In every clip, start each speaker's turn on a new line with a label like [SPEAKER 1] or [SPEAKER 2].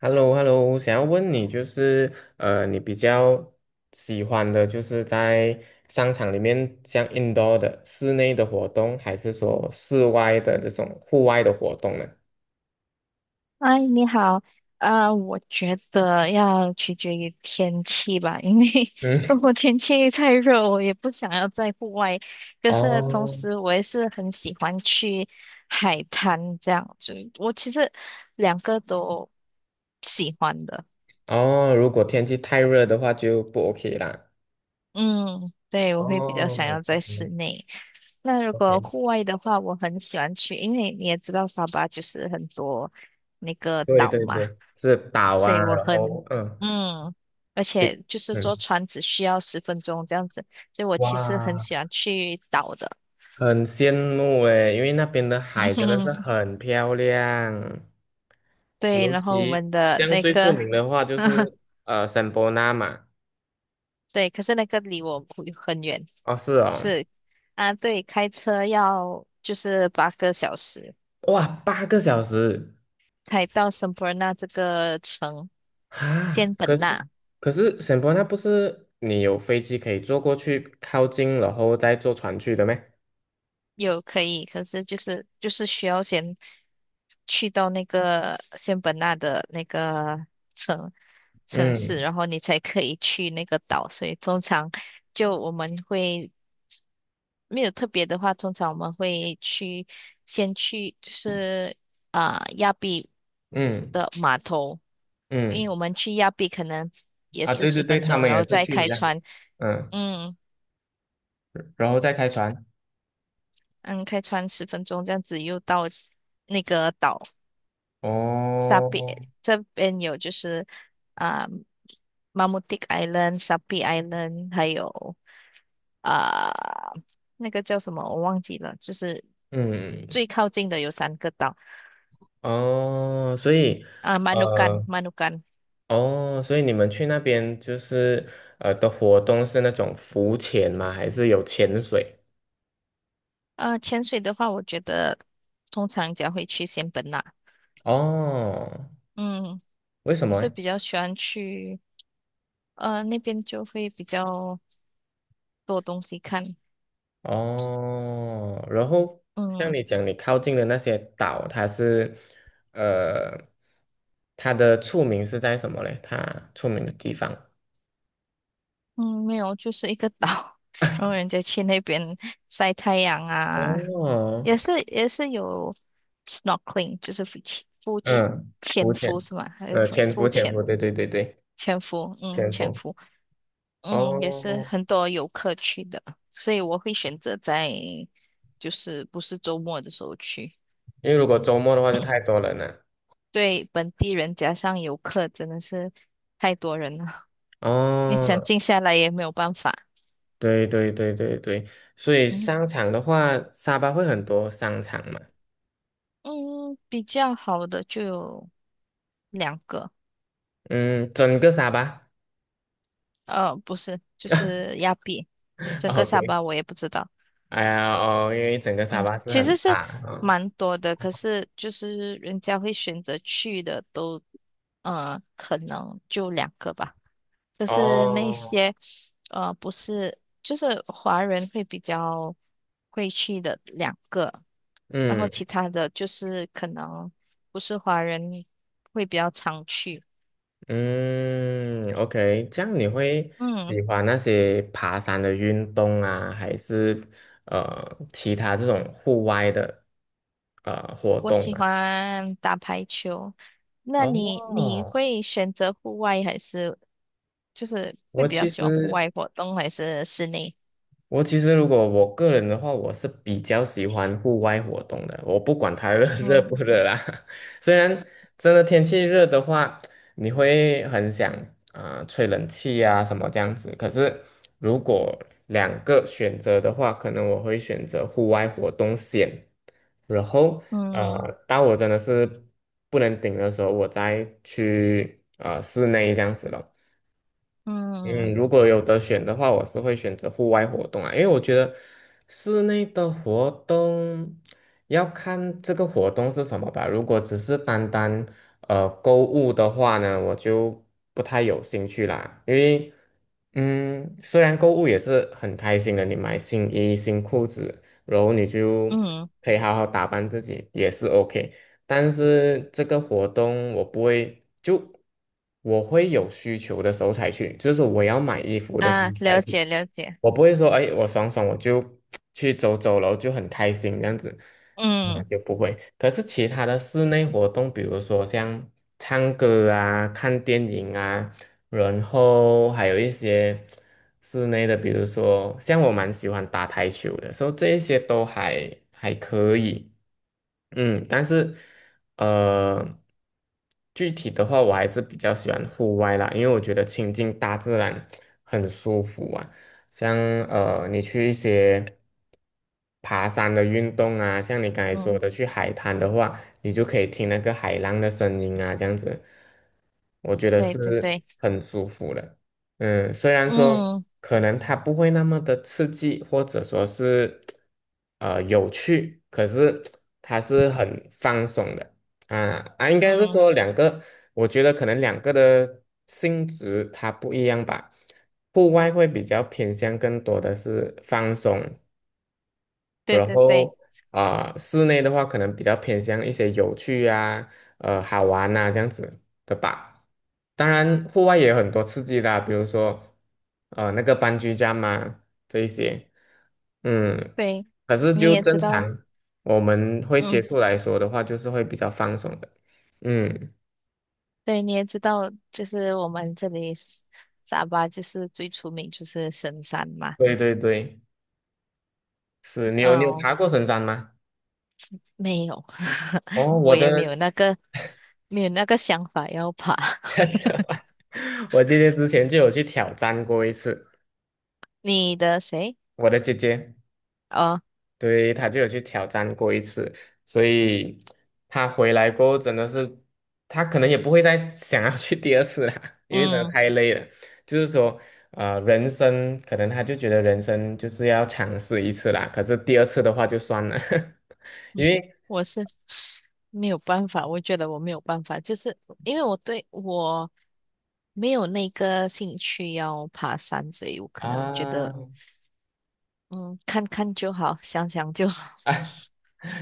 [SPEAKER 1] h e l l o h e l l o 想要问你就是，你比较喜欢的就是在商场里面，像 indoor 的室内的活动，还是说室外的这种户外的活动呢？
[SPEAKER 2] 你好。我觉得要取决于天气吧，因为
[SPEAKER 1] 嗯，
[SPEAKER 2] 如果天气太热，我也不想要在户外。可是同
[SPEAKER 1] 哦
[SPEAKER 2] 时，我也是很喜欢去海滩这样子。我其实两个都喜欢的。
[SPEAKER 1] 哦，如果天气太热的话就不 OK 啦。
[SPEAKER 2] 嗯，对，我会比较想
[SPEAKER 1] 哦
[SPEAKER 2] 要在
[SPEAKER 1] ，OK
[SPEAKER 2] 室内。那如果
[SPEAKER 1] OK，
[SPEAKER 2] 户外的话，我很喜欢去，因为你也知道沙巴就是很多那个
[SPEAKER 1] 对
[SPEAKER 2] 岛
[SPEAKER 1] 对
[SPEAKER 2] 嘛。
[SPEAKER 1] 对，是岛
[SPEAKER 2] 所
[SPEAKER 1] 啊，
[SPEAKER 2] 以我
[SPEAKER 1] 然
[SPEAKER 2] 很
[SPEAKER 1] 后嗯
[SPEAKER 2] 嗯，而且就是
[SPEAKER 1] 嗯，
[SPEAKER 2] 坐船只需要十分钟这样子，所以我其实很
[SPEAKER 1] 哇，
[SPEAKER 2] 喜欢去岛的。
[SPEAKER 1] 很羡慕诶，因为那边的海真的是 很漂亮。
[SPEAKER 2] 对，
[SPEAKER 1] 尤
[SPEAKER 2] 然后我
[SPEAKER 1] 其
[SPEAKER 2] 们的
[SPEAKER 1] 像
[SPEAKER 2] 那
[SPEAKER 1] 最出
[SPEAKER 2] 个。
[SPEAKER 1] 名的话就 是圣伯纳嘛，
[SPEAKER 2] 对，可是那个离我不很远，
[SPEAKER 1] 哦是哦，
[SPEAKER 2] 是。啊，对，开车要就是8个小时
[SPEAKER 1] 哇8个小时
[SPEAKER 2] 才到圣伯纳这个城，
[SPEAKER 1] 啊！
[SPEAKER 2] 仙
[SPEAKER 1] 可
[SPEAKER 2] 本
[SPEAKER 1] 是
[SPEAKER 2] 那
[SPEAKER 1] 可是圣伯纳不是你有飞机可以坐过去靠近，然后再坐船去的咩？
[SPEAKER 2] 有可以，可是就是需要先去到那个仙本那的城。城市，
[SPEAKER 1] 嗯
[SPEAKER 2] 然后你才可以去那个岛。所以通常就我们会没有特别的话，通常我们会去先去就是亚庇
[SPEAKER 1] 嗯
[SPEAKER 2] 的码头，因为
[SPEAKER 1] 嗯
[SPEAKER 2] 我们去亚庇可能也
[SPEAKER 1] 啊
[SPEAKER 2] 是
[SPEAKER 1] 对对
[SPEAKER 2] 十
[SPEAKER 1] 对，
[SPEAKER 2] 分
[SPEAKER 1] 他
[SPEAKER 2] 钟，
[SPEAKER 1] 们
[SPEAKER 2] 然
[SPEAKER 1] 也
[SPEAKER 2] 后
[SPEAKER 1] 是
[SPEAKER 2] 再
[SPEAKER 1] 去一
[SPEAKER 2] 开
[SPEAKER 1] 样，
[SPEAKER 2] 船。
[SPEAKER 1] 嗯，
[SPEAKER 2] 嗯。
[SPEAKER 1] 然后再开船
[SPEAKER 2] 嗯，开船十分钟这样子又到那个岛沙比，
[SPEAKER 1] 哦，
[SPEAKER 2] 这边有就是啊、马穆蒂 Island、沙比 Island，还有啊、那个叫什么我忘记了，就是
[SPEAKER 1] 嗯
[SPEAKER 2] 最靠近的有三个岛。
[SPEAKER 1] 哦，所以。
[SPEAKER 2] 啊，马努干，
[SPEAKER 1] 呃。
[SPEAKER 2] 马努干。
[SPEAKER 1] 哦，所以你们去那边就是的活动是那种浮潜吗？还是有潜水？
[SPEAKER 2] 啊，潜水的话，我觉得通常人会去仙本那。
[SPEAKER 1] 哦，
[SPEAKER 2] 嗯，
[SPEAKER 1] 为什
[SPEAKER 2] 我
[SPEAKER 1] 么
[SPEAKER 2] 是
[SPEAKER 1] 诶？
[SPEAKER 2] 比较喜欢去，那边就会比较多东西看。
[SPEAKER 1] 哦，然后像
[SPEAKER 2] 嗯。
[SPEAKER 1] 你讲，你靠近的那些岛，呃它的出名是在什么嘞？它出名的地方？
[SPEAKER 2] 嗯，没有，就是一个岛。然后人家去那边晒太阳啊，
[SPEAKER 1] 哦，
[SPEAKER 2] 也是有 snorkeling，就是浮潜
[SPEAKER 1] 嗯，浮
[SPEAKER 2] 潜伏
[SPEAKER 1] 潜，
[SPEAKER 2] 是吗？还有浮
[SPEAKER 1] 潜伏，
[SPEAKER 2] 浮
[SPEAKER 1] 潜伏，
[SPEAKER 2] 潜
[SPEAKER 1] 对对对对，
[SPEAKER 2] 潜伏，嗯，
[SPEAKER 1] 潜
[SPEAKER 2] 潜
[SPEAKER 1] 伏。
[SPEAKER 2] 伏。嗯，也是
[SPEAKER 1] 哦，
[SPEAKER 2] 很多游客去的，所以我会选择在就是不是周末的时候去。
[SPEAKER 1] 因为如果周末的话就太 多人了。
[SPEAKER 2] 对本地人加上游客，真的是太多人了。你想
[SPEAKER 1] 哦，
[SPEAKER 2] 静下来也没有办法。
[SPEAKER 1] 对对对对对，所以
[SPEAKER 2] 嗯。
[SPEAKER 1] 商场的话，沙巴会很多商场嘛，
[SPEAKER 2] 嗯，比较好的就有两个。
[SPEAKER 1] 嗯，整个沙巴
[SPEAKER 2] 不是，就 是亚庇，整个沙
[SPEAKER 1] ，OK，
[SPEAKER 2] 巴我也不知道。
[SPEAKER 1] 哎呀哦，因为整个沙
[SPEAKER 2] 嗯，
[SPEAKER 1] 巴是
[SPEAKER 2] 其
[SPEAKER 1] 很
[SPEAKER 2] 实是
[SPEAKER 1] 大啊，
[SPEAKER 2] 蛮多的，可是就是人家会选择去的都，可能就两个吧。就是那
[SPEAKER 1] 哦，
[SPEAKER 2] 些不是，就是华人会比较会去的两个，然后
[SPEAKER 1] 嗯
[SPEAKER 2] 其他的就是可能不是华人会比较常去。
[SPEAKER 1] 嗯，OK，这样你会
[SPEAKER 2] 嗯，
[SPEAKER 1] 喜欢那些爬山的运动啊，还是呃其他这种户外的活
[SPEAKER 2] 我
[SPEAKER 1] 动
[SPEAKER 2] 喜
[SPEAKER 1] 吗？
[SPEAKER 2] 欢打排球。那你
[SPEAKER 1] 哦，
[SPEAKER 2] 会选择户外还是就是会
[SPEAKER 1] 我
[SPEAKER 2] 比较
[SPEAKER 1] 其
[SPEAKER 2] 喜欢户
[SPEAKER 1] 实
[SPEAKER 2] 外活动还是室内？
[SPEAKER 1] 我其实如果我个人的话，我是比较喜欢户外活动的，我不管它热 热不
[SPEAKER 2] 嗯。
[SPEAKER 1] 热啦。虽然真的天气热的话，你会很想啊、吹冷气啊什么这样子。可是如果两个选择的话，可能我会选择户外活动先，然后
[SPEAKER 2] 嗯。
[SPEAKER 1] 当我真的是不能顶的时候，我再去室内这样子了。嗯，
[SPEAKER 2] 嗯。
[SPEAKER 1] 如果有得选的话，我是会选择户外活动啊，因为我觉得室内的活动要看这个活动是什么吧。如果只是单单购物的话呢，我就不太有兴趣啦。因为嗯，虽然购物也是很开心的，你买新衣、新裤子，然后你就
[SPEAKER 2] 嗯。嗯。
[SPEAKER 1] 可以好好打扮自己，也是 OK。但是这个活动我不会，就我会有需求的时候才去，就是我要买衣服的时候
[SPEAKER 2] 啊，
[SPEAKER 1] 才
[SPEAKER 2] 了
[SPEAKER 1] 去，
[SPEAKER 2] 解了解。
[SPEAKER 1] 我不会说，哎，我爽爽我就去走走了，然后就很开心这样子，
[SPEAKER 2] 嗯。
[SPEAKER 1] 嗯，就不会。可是其他的室内活动，比如说像唱歌啊、看电影啊，然后还有一些室内的，比如说像我蛮喜欢打台球的，所以这一些都还还可以。嗯，但是呃，具体的话，我还是比较喜欢户外啦，因为我觉得亲近大自然很舒服啊。像你去一些爬山的运动啊，像你刚才说
[SPEAKER 2] 嗯，
[SPEAKER 1] 的去海滩的话，你就可以听那个海浪的声音啊，这样子，我觉得
[SPEAKER 2] 对对
[SPEAKER 1] 是
[SPEAKER 2] 对。
[SPEAKER 1] 很舒服的。嗯，虽然说
[SPEAKER 2] 嗯。
[SPEAKER 1] 可能它不会那么的刺激，或者说是有趣，可是它是很放松的啊啊。应该是
[SPEAKER 2] 嗯，
[SPEAKER 1] 说两个，我觉得可能两个的性质它不一样吧。户外会比较偏向更多的是放松，
[SPEAKER 2] 对
[SPEAKER 1] 然
[SPEAKER 2] 对对
[SPEAKER 1] 后室内的话可能比较偏向一些有趣啊、好玩呐、这样子的吧。当然，户外也有很多刺激的啊比如说那个班居家嘛这一些，嗯，
[SPEAKER 2] 对，
[SPEAKER 1] 可是
[SPEAKER 2] 你
[SPEAKER 1] 就
[SPEAKER 2] 也知
[SPEAKER 1] 正
[SPEAKER 2] 道。
[SPEAKER 1] 常我们会接
[SPEAKER 2] 嗯，
[SPEAKER 1] 触来说的话，就是会比较放松的。嗯，
[SPEAKER 2] 对，你也知道，就是我们这里是沙巴就是最出名就是神山嘛。
[SPEAKER 1] 对对对，是你有
[SPEAKER 2] 嗯，
[SPEAKER 1] 爬过神山吗？
[SPEAKER 2] 没有。
[SPEAKER 1] 哦，
[SPEAKER 2] 我也没有那个没有那个想法要爬。
[SPEAKER 1] 我姐姐之前就有去挑战过一次，
[SPEAKER 2] 你的谁？
[SPEAKER 1] 我的姐姐。
[SPEAKER 2] 哦。
[SPEAKER 1] 对，他就有去挑战过一次，所以 他回来过后真的是，他可能也不会再 想要去第二次了，因为真的
[SPEAKER 2] 嗯，
[SPEAKER 1] 太累了。就是说，人生可能他就觉得人生就是要尝试一次啦，可是第二次的话就算了，因为
[SPEAKER 2] 我是没有办法，我觉得我没有办法，就是因为我对我没有那个兴趣要爬山，所以我可能觉得，
[SPEAKER 1] 啊。
[SPEAKER 2] 嗯，看看就好，想想就好。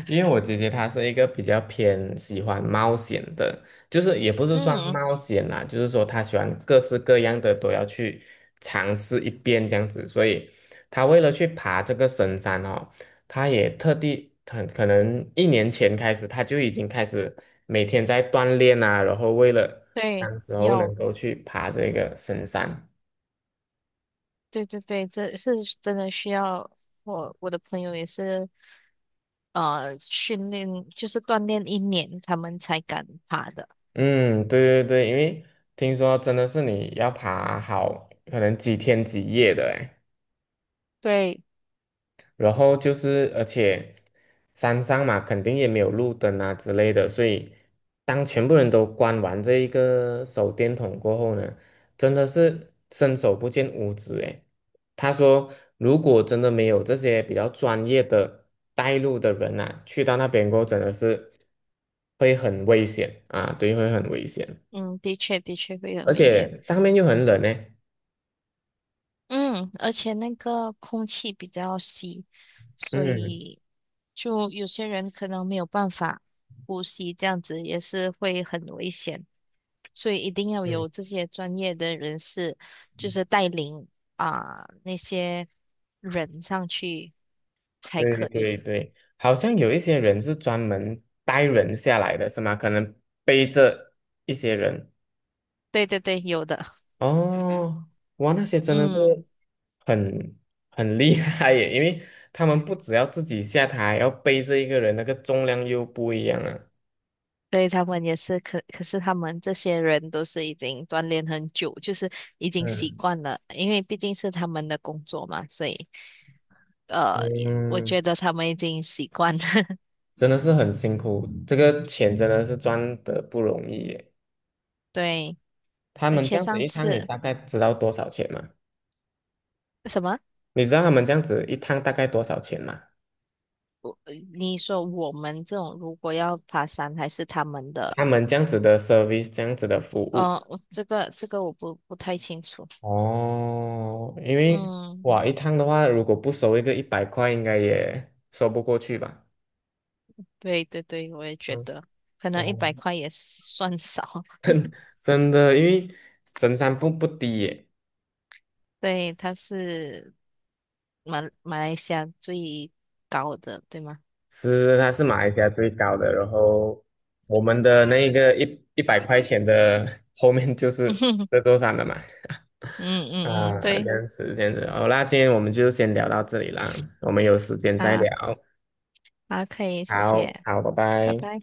[SPEAKER 1] 因为我姐姐她是一个比较偏喜欢冒险的，就是也不 是算
[SPEAKER 2] 嗯，
[SPEAKER 1] 冒险啦，就是说她喜欢各式各样的都要去尝试一遍这样子，所以她为了去爬这个神山哦，她也特地很可能一年前开始，她就已经开始每天在锻炼啊，然后为了
[SPEAKER 2] 对，
[SPEAKER 1] 当时候能
[SPEAKER 2] 要，
[SPEAKER 1] 够去爬这个神山。
[SPEAKER 2] 对对对，这是真的需要。我的朋友也是，训练就是锻炼1年，他们才敢爬的。
[SPEAKER 1] 嗯，对对对，因为听说真的是你要爬好可能几天几夜的诶。
[SPEAKER 2] 对，
[SPEAKER 1] 然后就是，而且山上嘛，肯定也没有路灯啊之类的，所以当全部人都关完这一个手电筒过后呢，真的是伸手不见五指诶。他说，如果真的没有这些比较专业的带路的人啊，去到那边过后真的是会很危险啊，对，会很危险，
[SPEAKER 2] 嗯，的确的确会很
[SPEAKER 1] 而
[SPEAKER 2] 危险。
[SPEAKER 1] 且上面又很冷呢。
[SPEAKER 2] 嗯，而且那个空气比较稀，所
[SPEAKER 1] 嗯
[SPEAKER 2] 以就有些人可能没有办法呼吸，这样子也是会很危险。所以一定要
[SPEAKER 1] 嗯。
[SPEAKER 2] 有这些专业的人士，就是带领那些人上去。才
[SPEAKER 1] 对
[SPEAKER 2] 可以。
[SPEAKER 1] 对对，好像有一些人是专门带人下来的，是吗？可能背着一些人。
[SPEAKER 2] 对对对，有的。
[SPEAKER 1] 哦，哇，那些真的是
[SPEAKER 2] 嗯，
[SPEAKER 1] 很很厉害耶，因为他们不只要自己下台，还要背着一个人，那个重量又不一样啊。
[SPEAKER 2] 对，他们也是，可是他们这些人都是已经锻炼很久，就是已经习
[SPEAKER 1] 嗯
[SPEAKER 2] 惯了，因为毕竟是他们的工作嘛，所以呃，我
[SPEAKER 1] 嗯，
[SPEAKER 2] 觉得他们已经习惯了。
[SPEAKER 1] 真的是很辛苦，这个钱真的是赚得不容易耶。
[SPEAKER 2] 对，
[SPEAKER 1] 他
[SPEAKER 2] 而
[SPEAKER 1] 们这
[SPEAKER 2] 且
[SPEAKER 1] 样子
[SPEAKER 2] 上
[SPEAKER 1] 一趟，你
[SPEAKER 2] 次
[SPEAKER 1] 大概知道多少钱吗？
[SPEAKER 2] 什么，
[SPEAKER 1] 你知道他们这样子一趟大概多少钱吗？
[SPEAKER 2] 我你说我们这种如果要爬山，还是他们
[SPEAKER 1] 他
[SPEAKER 2] 的，
[SPEAKER 1] 们这样子的 service，这样子的服务。
[SPEAKER 2] 我这个我不太清楚。
[SPEAKER 1] 哦，因为
[SPEAKER 2] 嗯，
[SPEAKER 1] 哇，一趟的话，如果不收一个一百块，应该也收不过去吧？
[SPEAKER 2] 对对对，我也觉
[SPEAKER 1] 嗯，
[SPEAKER 2] 得，可能一
[SPEAKER 1] 哦，
[SPEAKER 2] 百块也算少。
[SPEAKER 1] 真的，因为神山瀑不低耶，
[SPEAKER 2] 对，它是马来西亚最高的，对吗？
[SPEAKER 1] 是它是马来西亚最高的。然后我们的那个一百块钱的 后面就 是
[SPEAKER 2] 嗯。
[SPEAKER 1] 这座山了嘛。
[SPEAKER 2] 嗯。嗯，
[SPEAKER 1] 啊，这
[SPEAKER 2] 对
[SPEAKER 1] 样子，这样子，好啦，今天我们就先聊到这里啦，我们有时间再
[SPEAKER 2] 啊，
[SPEAKER 1] 聊。
[SPEAKER 2] 啊，可以，谢
[SPEAKER 1] 好，
[SPEAKER 2] 谢，
[SPEAKER 1] 好，拜
[SPEAKER 2] 拜
[SPEAKER 1] 拜。
[SPEAKER 2] 拜。